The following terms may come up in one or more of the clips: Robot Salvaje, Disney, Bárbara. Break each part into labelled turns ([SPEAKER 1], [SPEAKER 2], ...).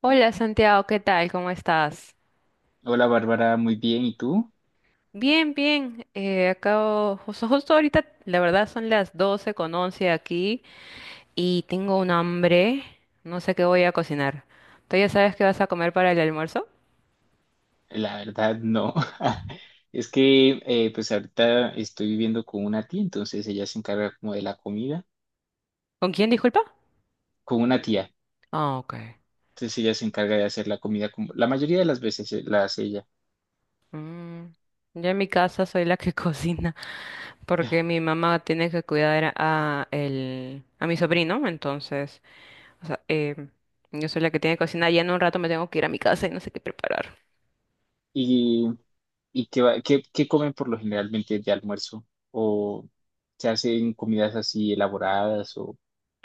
[SPEAKER 1] Hola Santiago, ¿qué tal? ¿Cómo estás?
[SPEAKER 2] Hola Bárbara, muy bien. ¿Y tú?
[SPEAKER 1] Bien, bien. Acabo, justo ahorita, la verdad son las 12 con 11 aquí y tengo un hambre. No sé qué voy a cocinar. ¿Tú ya sabes qué vas a comer para el almuerzo?
[SPEAKER 2] La verdad, no. Es que pues ahorita estoy viviendo con una tía, entonces ella se encarga como de la comida,
[SPEAKER 1] ¿Con quién, disculpa?
[SPEAKER 2] con una tía.
[SPEAKER 1] Ah, ok.
[SPEAKER 2] Entonces ella se encarga de hacer la comida como la mayoría de las veces, la hace ella.
[SPEAKER 1] Mm, Yo en mi casa soy la que cocina porque mi mamá tiene que cuidar a, el, a mi sobrino, entonces, o sea, yo soy la que tiene que cocinar. Ya en un rato me tengo que ir a mi casa y no sé qué preparar.
[SPEAKER 2] ¿Y, qué comen por lo generalmente de almuerzo? ¿O se hacen comidas así elaboradas o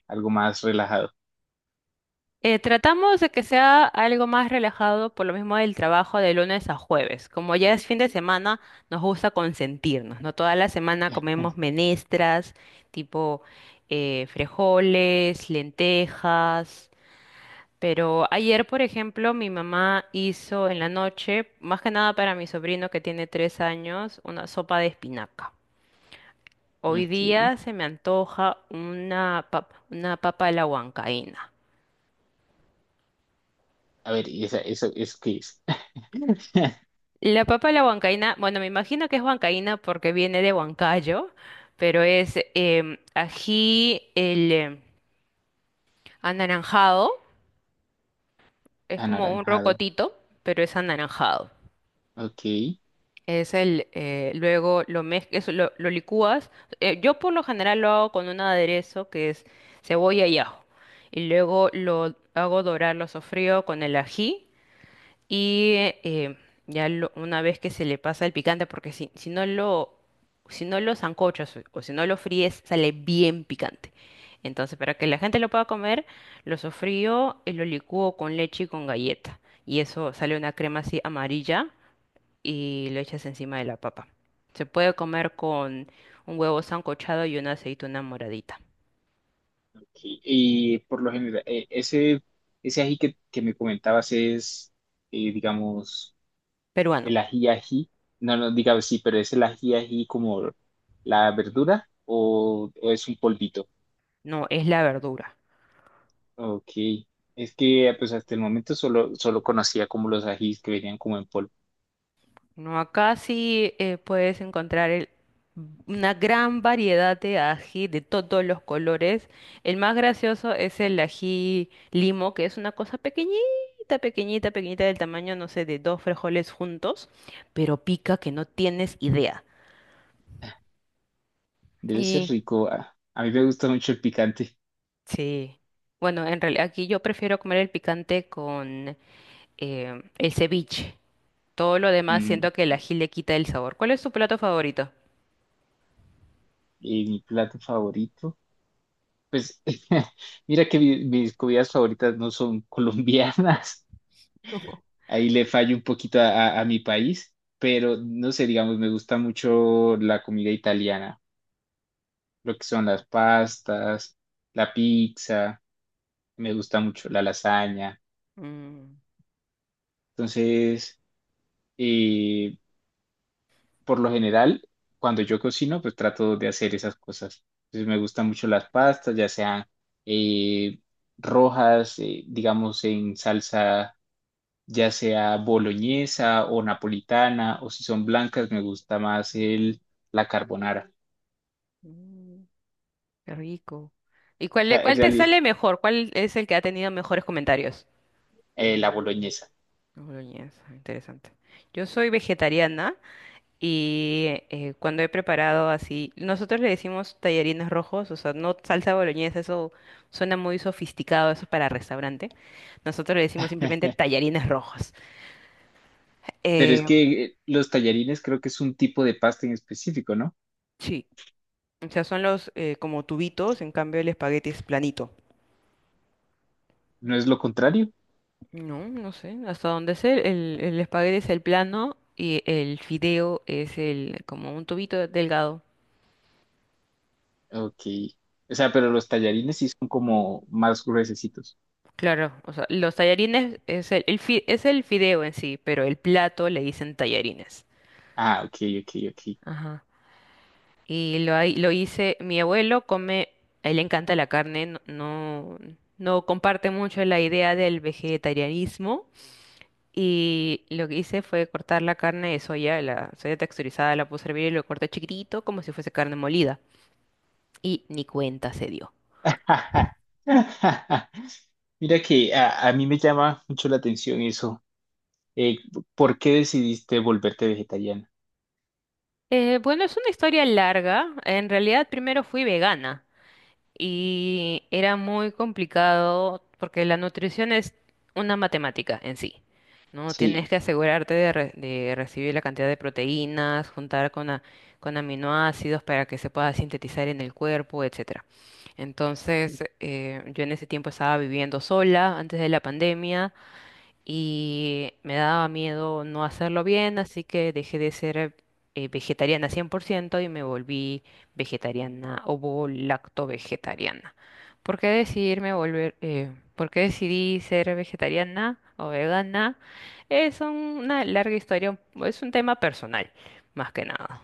[SPEAKER 2] algo más relajado?
[SPEAKER 1] Tratamos de que sea algo más relajado por lo mismo del trabajo de lunes a jueves. Como ya es fin de semana, nos gusta consentirnos, ¿no? Toda la semana comemos menestras, tipo frijoles, lentejas. Pero ayer, por ejemplo, mi mamá hizo en la noche, más que nada para mi sobrino que tiene 3 años, una sopa de espinaca. Hoy
[SPEAKER 2] Ok.
[SPEAKER 1] día se me antoja una una papa a la huancaína.
[SPEAKER 2] A ver, ¿eso qué es?
[SPEAKER 1] La papa a la huancaína, bueno, me imagino que es huancaína porque viene de Huancayo, pero es ají el anaranjado, es como un
[SPEAKER 2] Anaranjado.
[SPEAKER 1] rocotito, pero es anaranjado.
[SPEAKER 2] Ok.
[SPEAKER 1] Es el, luego lo mezclas, lo licúas. Yo por lo general lo hago con un aderezo que es cebolla y ajo. Y luego lo hago dorar, lo sofrío con el ají. Y eh, ya una vez que se le pasa el picante, porque si no lo, si no lo sancochas o si no lo fríes, sale bien picante. Entonces, para que la gente lo pueda comer, lo sofrío y lo licúo con leche y con galleta. Y eso sale una crema así amarilla y lo echas encima de la papa. Se puede comer con un huevo sancochado y una aceituna moradita.
[SPEAKER 2] Y por lo general, ese ají que me comentabas es, digamos,
[SPEAKER 1] Peruano,
[SPEAKER 2] el ají ají. No, no, digamos, sí, pero es el ají ají como la verdura o es un polvito.
[SPEAKER 1] no, es la verdura.
[SPEAKER 2] Ok. Es que pues hasta el momento solo conocía como los ajís que venían como en polvo.
[SPEAKER 1] No, acá sí puedes encontrar una gran variedad de ají de todos los colores. El más gracioso es el ají limo, que es una cosa pequeñita, pequeñita, pequeñita del tamaño, no sé, de dos frijoles juntos, pero pica que no tienes idea.
[SPEAKER 2] Debe ser
[SPEAKER 1] Y
[SPEAKER 2] rico. A mí me gusta mucho el picante.
[SPEAKER 1] sí, bueno, en realidad aquí yo prefiero comer el picante con el ceviche. Todo lo demás
[SPEAKER 2] Mm,
[SPEAKER 1] siento que el ají le quita el sabor. ¿Cuál es tu plato favorito?
[SPEAKER 2] y mi plato favorito. Pues mira que mis comidas favoritas no son colombianas. Ahí le fallo un poquito a, a mi país, pero no sé, digamos, me gusta mucho la comida italiana, lo que son las pastas, la pizza, me gusta mucho la lasaña.
[SPEAKER 1] Mm.
[SPEAKER 2] Entonces, eh, por lo general, cuando yo cocino, pues trato de hacer esas cosas. Entonces, me gustan mucho las pastas, ya sean, eh, rojas, digamos, en salsa, ya sea boloñesa o napolitana, o si son blancas, me gusta más el, la carbonara,
[SPEAKER 1] Mm. Qué rico. ¿Y
[SPEAKER 2] o sea, en
[SPEAKER 1] cuál te
[SPEAKER 2] realidad,
[SPEAKER 1] sale mejor? ¿Cuál es el que ha tenido mejores comentarios?
[SPEAKER 2] la boloñesa.
[SPEAKER 1] Boloñesa, interesante. Yo soy vegetariana y cuando he preparado así, nosotros le decimos tallarines rojos, o sea, no salsa boloñesa, eso suena muy sofisticado, eso es para restaurante. Nosotros le decimos simplemente tallarines rojos.
[SPEAKER 2] Pero es
[SPEAKER 1] Eh,
[SPEAKER 2] que los tallarines creo que es un tipo de pasta en específico, ¿no?
[SPEAKER 1] sí, o sea, son los como tubitos, en cambio el espagueti es planito.
[SPEAKER 2] ¿No es lo contrario?
[SPEAKER 1] No, no sé, hasta dónde sé. El espagueti es el plano y el fideo es el como un tubito delgado.
[SPEAKER 2] Ok. O sea, pero los tallarines sí son como más gruesecitos.
[SPEAKER 1] Claro, o sea, los tallarines es el, es el fideo en sí, pero el plato le dicen tallarines.
[SPEAKER 2] Ah, ok, ok, ok.
[SPEAKER 1] Ajá. Y lo, lo hice, mi abuelo come, a él le encanta la carne, no, no, no comparte mucho la idea del vegetarianismo. Y lo que hice fue cortar la carne de soya, la soya texturizada, la puse a hervir y lo corté chiquitito como si fuese carne molida. Y ni cuenta se dio.
[SPEAKER 2] Mira que a mí me llama mucho la atención eso. Eh, ¿Por qué decidiste volverte vegetariana?
[SPEAKER 1] Bueno, es una historia larga. En realidad, primero fui vegana y era muy complicado porque la nutrición es una matemática en sí, ¿no?
[SPEAKER 2] Sí.
[SPEAKER 1] Tienes que asegurarte de, de recibir la cantidad de proteínas, juntar con aminoácidos para que se pueda sintetizar en el cuerpo, etcétera. Entonces, yo en ese tiempo estaba viviendo sola antes de la pandemia y me daba miedo no hacerlo bien, así que dejé de ser vegetariana 100% y me volví vegetariana o lacto-vegetariana. ¿Por qué decidirme volver, por qué decidí ser vegetariana o vegana? Es una larga historia, es un tema personal, más que nada.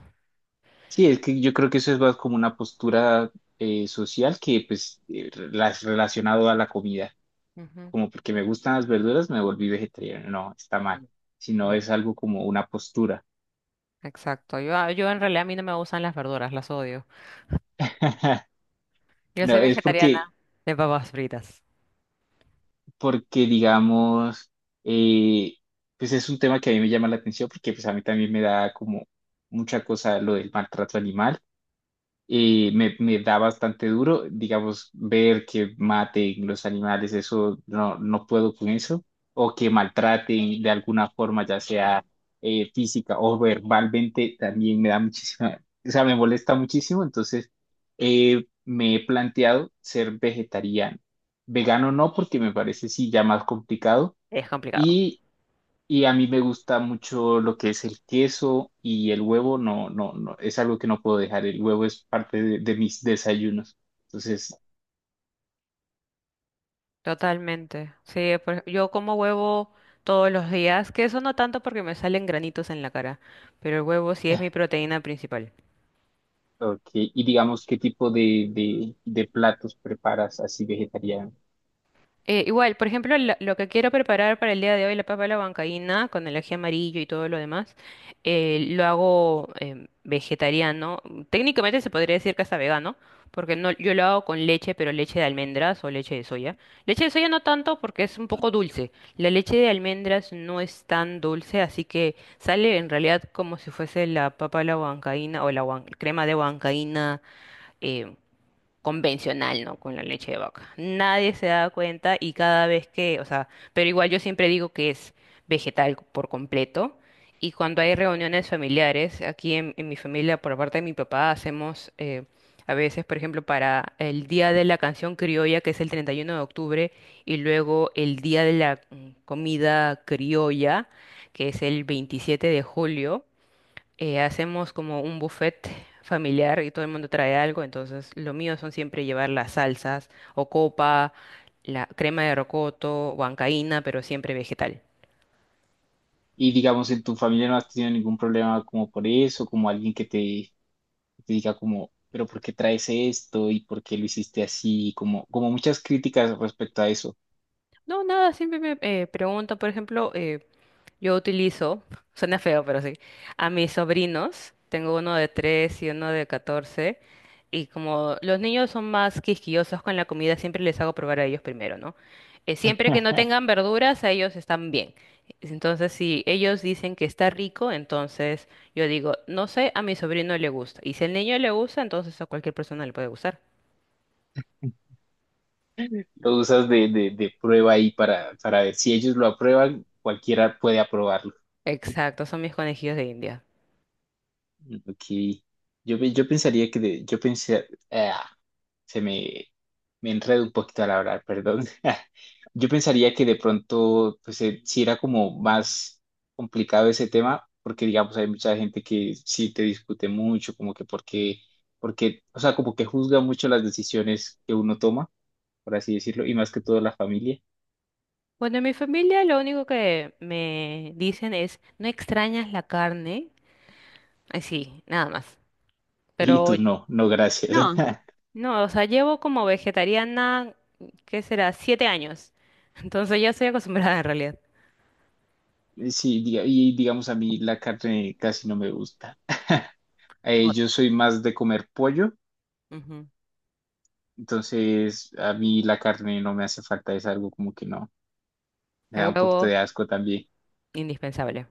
[SPEAKER 2] Sí, es que yo creo que eso es más como una postura, social, que pues relacionado a la comida,
[SPEAKER 1] Ujú.
[SPEAKER 2] como porque me gustan las verduras me volví vegetariano, no, está mal,
[SPEAKER 1] Mm,
[SPEAKER 2] sino
[SPEAKER 1] No.
[SPEAKER 2] es algo como una postura.
[SPEAKER 1] Exacto, yo en realidad a mí no me gustan las verduras, las odio. Yo
[SPEAKER 2] No,
[SPEAKER 1] soy
[SPEAKER 2] es porque,
[SPEAKER 1] vegetariana de papas fritas.
[SPEAKER 2] porque digamos, eh, pues es un tema que a mí me llama la atención porque pues a mí también me da como mucha cosa lo del maltrato animal, me da bastante duro, digamos, ver que maten los animales, eso no, no puedo con eso, o que maltraten de alguna forma, ya sea física o verbalmente, también me da muchísima, o sea, me molesta muchísimo, entonces me he planteado ser vegetariano, vegano no, porque me parece sí ya más complicado,
[SPEAKER 1] Es complicado.
[SPEAKER 2] y a mí me gusta mucho lo que es el queso y el huevo, no, no, no, es algo que no puedo dejar. El huevo es parte de mis desayunos. Entonces,
[SPEAKER 1] Totalmente. Sí, por yo como huevo todos los días, que eso no tanto porque me salen granitos en la cara, pero el huevo sí es mi proteína principal.
[SPEAKER 2] ok. Y digamos, ¿qué tipo de platos preparas así vegetariano?
[SPEAKER 1] Igual, por ejemplo, lo que quiero preparar para el día de hoy, la papa a la huancaína, con el ají amarillo y todo lo demás, lo hago vegetariano. Técnicamente se podría decir que hasta vegano, porque no, yo lo hago con leche, pero leche de almendras o leche de soya. Leche de soya no tanto porque es un poco dulce. La leche de almendras no es tan dulce, así que sale en realidad como si fuese la papa a la huancaína o la crema de huancaína em, convencional, ¿no? Con la leche de vaca. Nadie se da cuenta y cada vez que, o sea, pero igual yo siempre digo que es vegetal por completo. Y cuando hay reuniones familiares, aquí en mi familia, por parte de mi papá, hacemos a veces, por ejemplo, para el Día de la Canción Criolla, que es el 31 de octubre, y luego el Día de la Comida Criolla, que es el 27 de julio. Hacemos como un buffet familiar y todo el mundo trae algo, entonces lo mío son siempre llevar las salsas o copa, la crema de rocoto, huancaína, pero siempre vegetal.
[SPEAKER 2] Y digamos, en tu familia no has tenido ningún problema como por eso, como alguien que te diga como, pero ¿por qué traes esto? ¿Y por qué lo hiciste así? Como, como muchas críticas respecto a eso.
[SPEAKER 1] No, nada, siempre me preguntan, por ejemplo, yo utilizo, suena feo, pero sí, a mis sobrinos, tengo uno de 3 y uno de catorce, y como los niños son más quisquillosos con la comida, siempre les hago probar a ellos primero, ¿no? Siempre que no tengan verduras, a ellos están bien. Entonces, si ellos dicen que está rico, entonces yo digo, no sé, a mi sobrino le gusta. Y si al niño le gusta, entonces a cualquier persona le puede gustar.
[SPEAKER 2] Lo usas de prueba ahí para ver si ellos lo aprueban, cualquiera puede aprobarlo.
[SPEAKER 1] Exacto, son mis conejillos de India.
[SPEAKER 2] Ok. Yo pensaría que de- yo pensé, ah, se me, me enredo un poquito al hablar, perdón. Yo pensaría que de pronto, pues sí era como más complicado ese tema, porque digamos, hay mucha gente que sí te discute mucho, como que porque, porque, o sea, como que juzga mucho las decisiones que uno toma, por así decirlo, y más que todo la familia.
[SPEAKER 1] Bueno, en mi familia lo único que me dicen es, ¿no extrañas la carne? Ay, sí, nada más.
[SPEAKER 2] Y
[SPEAKER 1] Pero
[SPEAKER 2] tú no, no gracias.
[SPEAKER 1] no. No, o sea, llevo como vegetariana, ¿qué será? 7 años. Entonces ya estoy acostumbrada en realidad.
[SPEAKER 2] Sí, y digamos a mí la carne casi no me gusta.
[SPEAKER 1] No.
[SPEAKER 2] Yo soy más de comer pollo,
[SPEAKER 1] Ujú.
[SPEAKER 2] entonces a mí la carne no me hace falta, es algo como que no, me
[SPEAKER 1] El
[SPEAKER 2] da un poquito
[SPEAKER 1] huevo,
[SPEAKER 2] de asco también.
[SPEAKER 1] indispensable.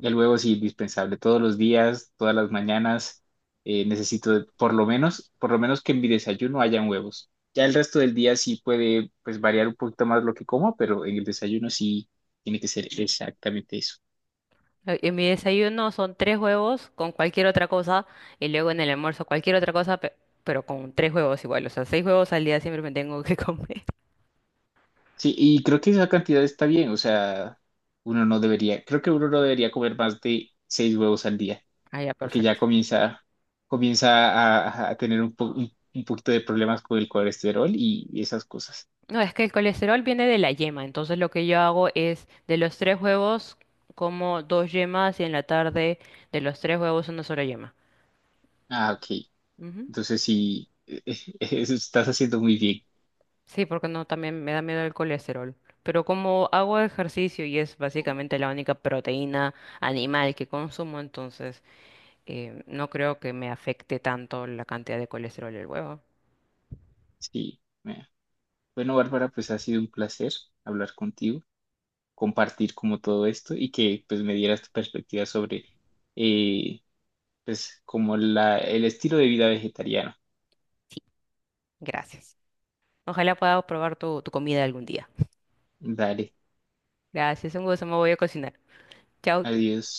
[SPEAKER 2] El huevo sí, indispensable, todos los días, todas las mañanas, por lo menos que en mi desayuno hayan huevos. Ya el resto del día sí puede pues variar un poquito más lo que como, pero en el desayuno sí tiene que ser exactamente eso.
[SPEAKER 1] En mi desayuno son 3 huevos con cualquier otra cosa y luego en el almuerzo cualquier otra cosa, pero con 3 huevos igual. O sea, 6 huevos al día siempre me tengo que comer.
[SPEAKER 2] Sí, y creo que esa cantidad está bien, o sea, uno no debería, creo que uno no debería comer más de seis huevos al día,
[SPEAKER 1] Ah, ya,
[SPEAKER 2] porque ya
[SPEAKER 1] perfecto.
[SPEAKER 2] comienza, comienza a tener un, un poquito de problemas con el colesterol y esas cosas.
[SPEAKER 1] No, es que el colesterol viene de la yema, entonces lo que yo hago es de los 3 huevos como 2 yemas y en la tarde de los 3 huevos una sola yema.
[SPEAKER 2] Ah, ok.
[SPEAKER 1] Ujú.
[SPEAKER 2] Entonces sí, eso estás haciendo muy bien.
[SPEAKER 1] Sí, porque no, también me da miedo el colesterol. Pero como hago ejercicio y es básicamente la única proteína animal que consumo, entonces no creo que me afecte tanto la cantidad de colesterol del huevo.
[SPEAKER 2] Sí. Mira. Bueno, Bárbara, pues ha sido un placer hablar contigo, compartir como todo esto y que pues me dieras tu perspectiva sobre, eh, pues como la, el estilo de vida vegetariano.
[SPEAKER 1] Sí, gracias. Ojalá pueda probar tu comida algún día.
[SPEAKER 2] Dale,
[SPEAKER 1] Gracias, un gusto, me voy a cocinar. Chao.
[SPEAKER 2] adiós.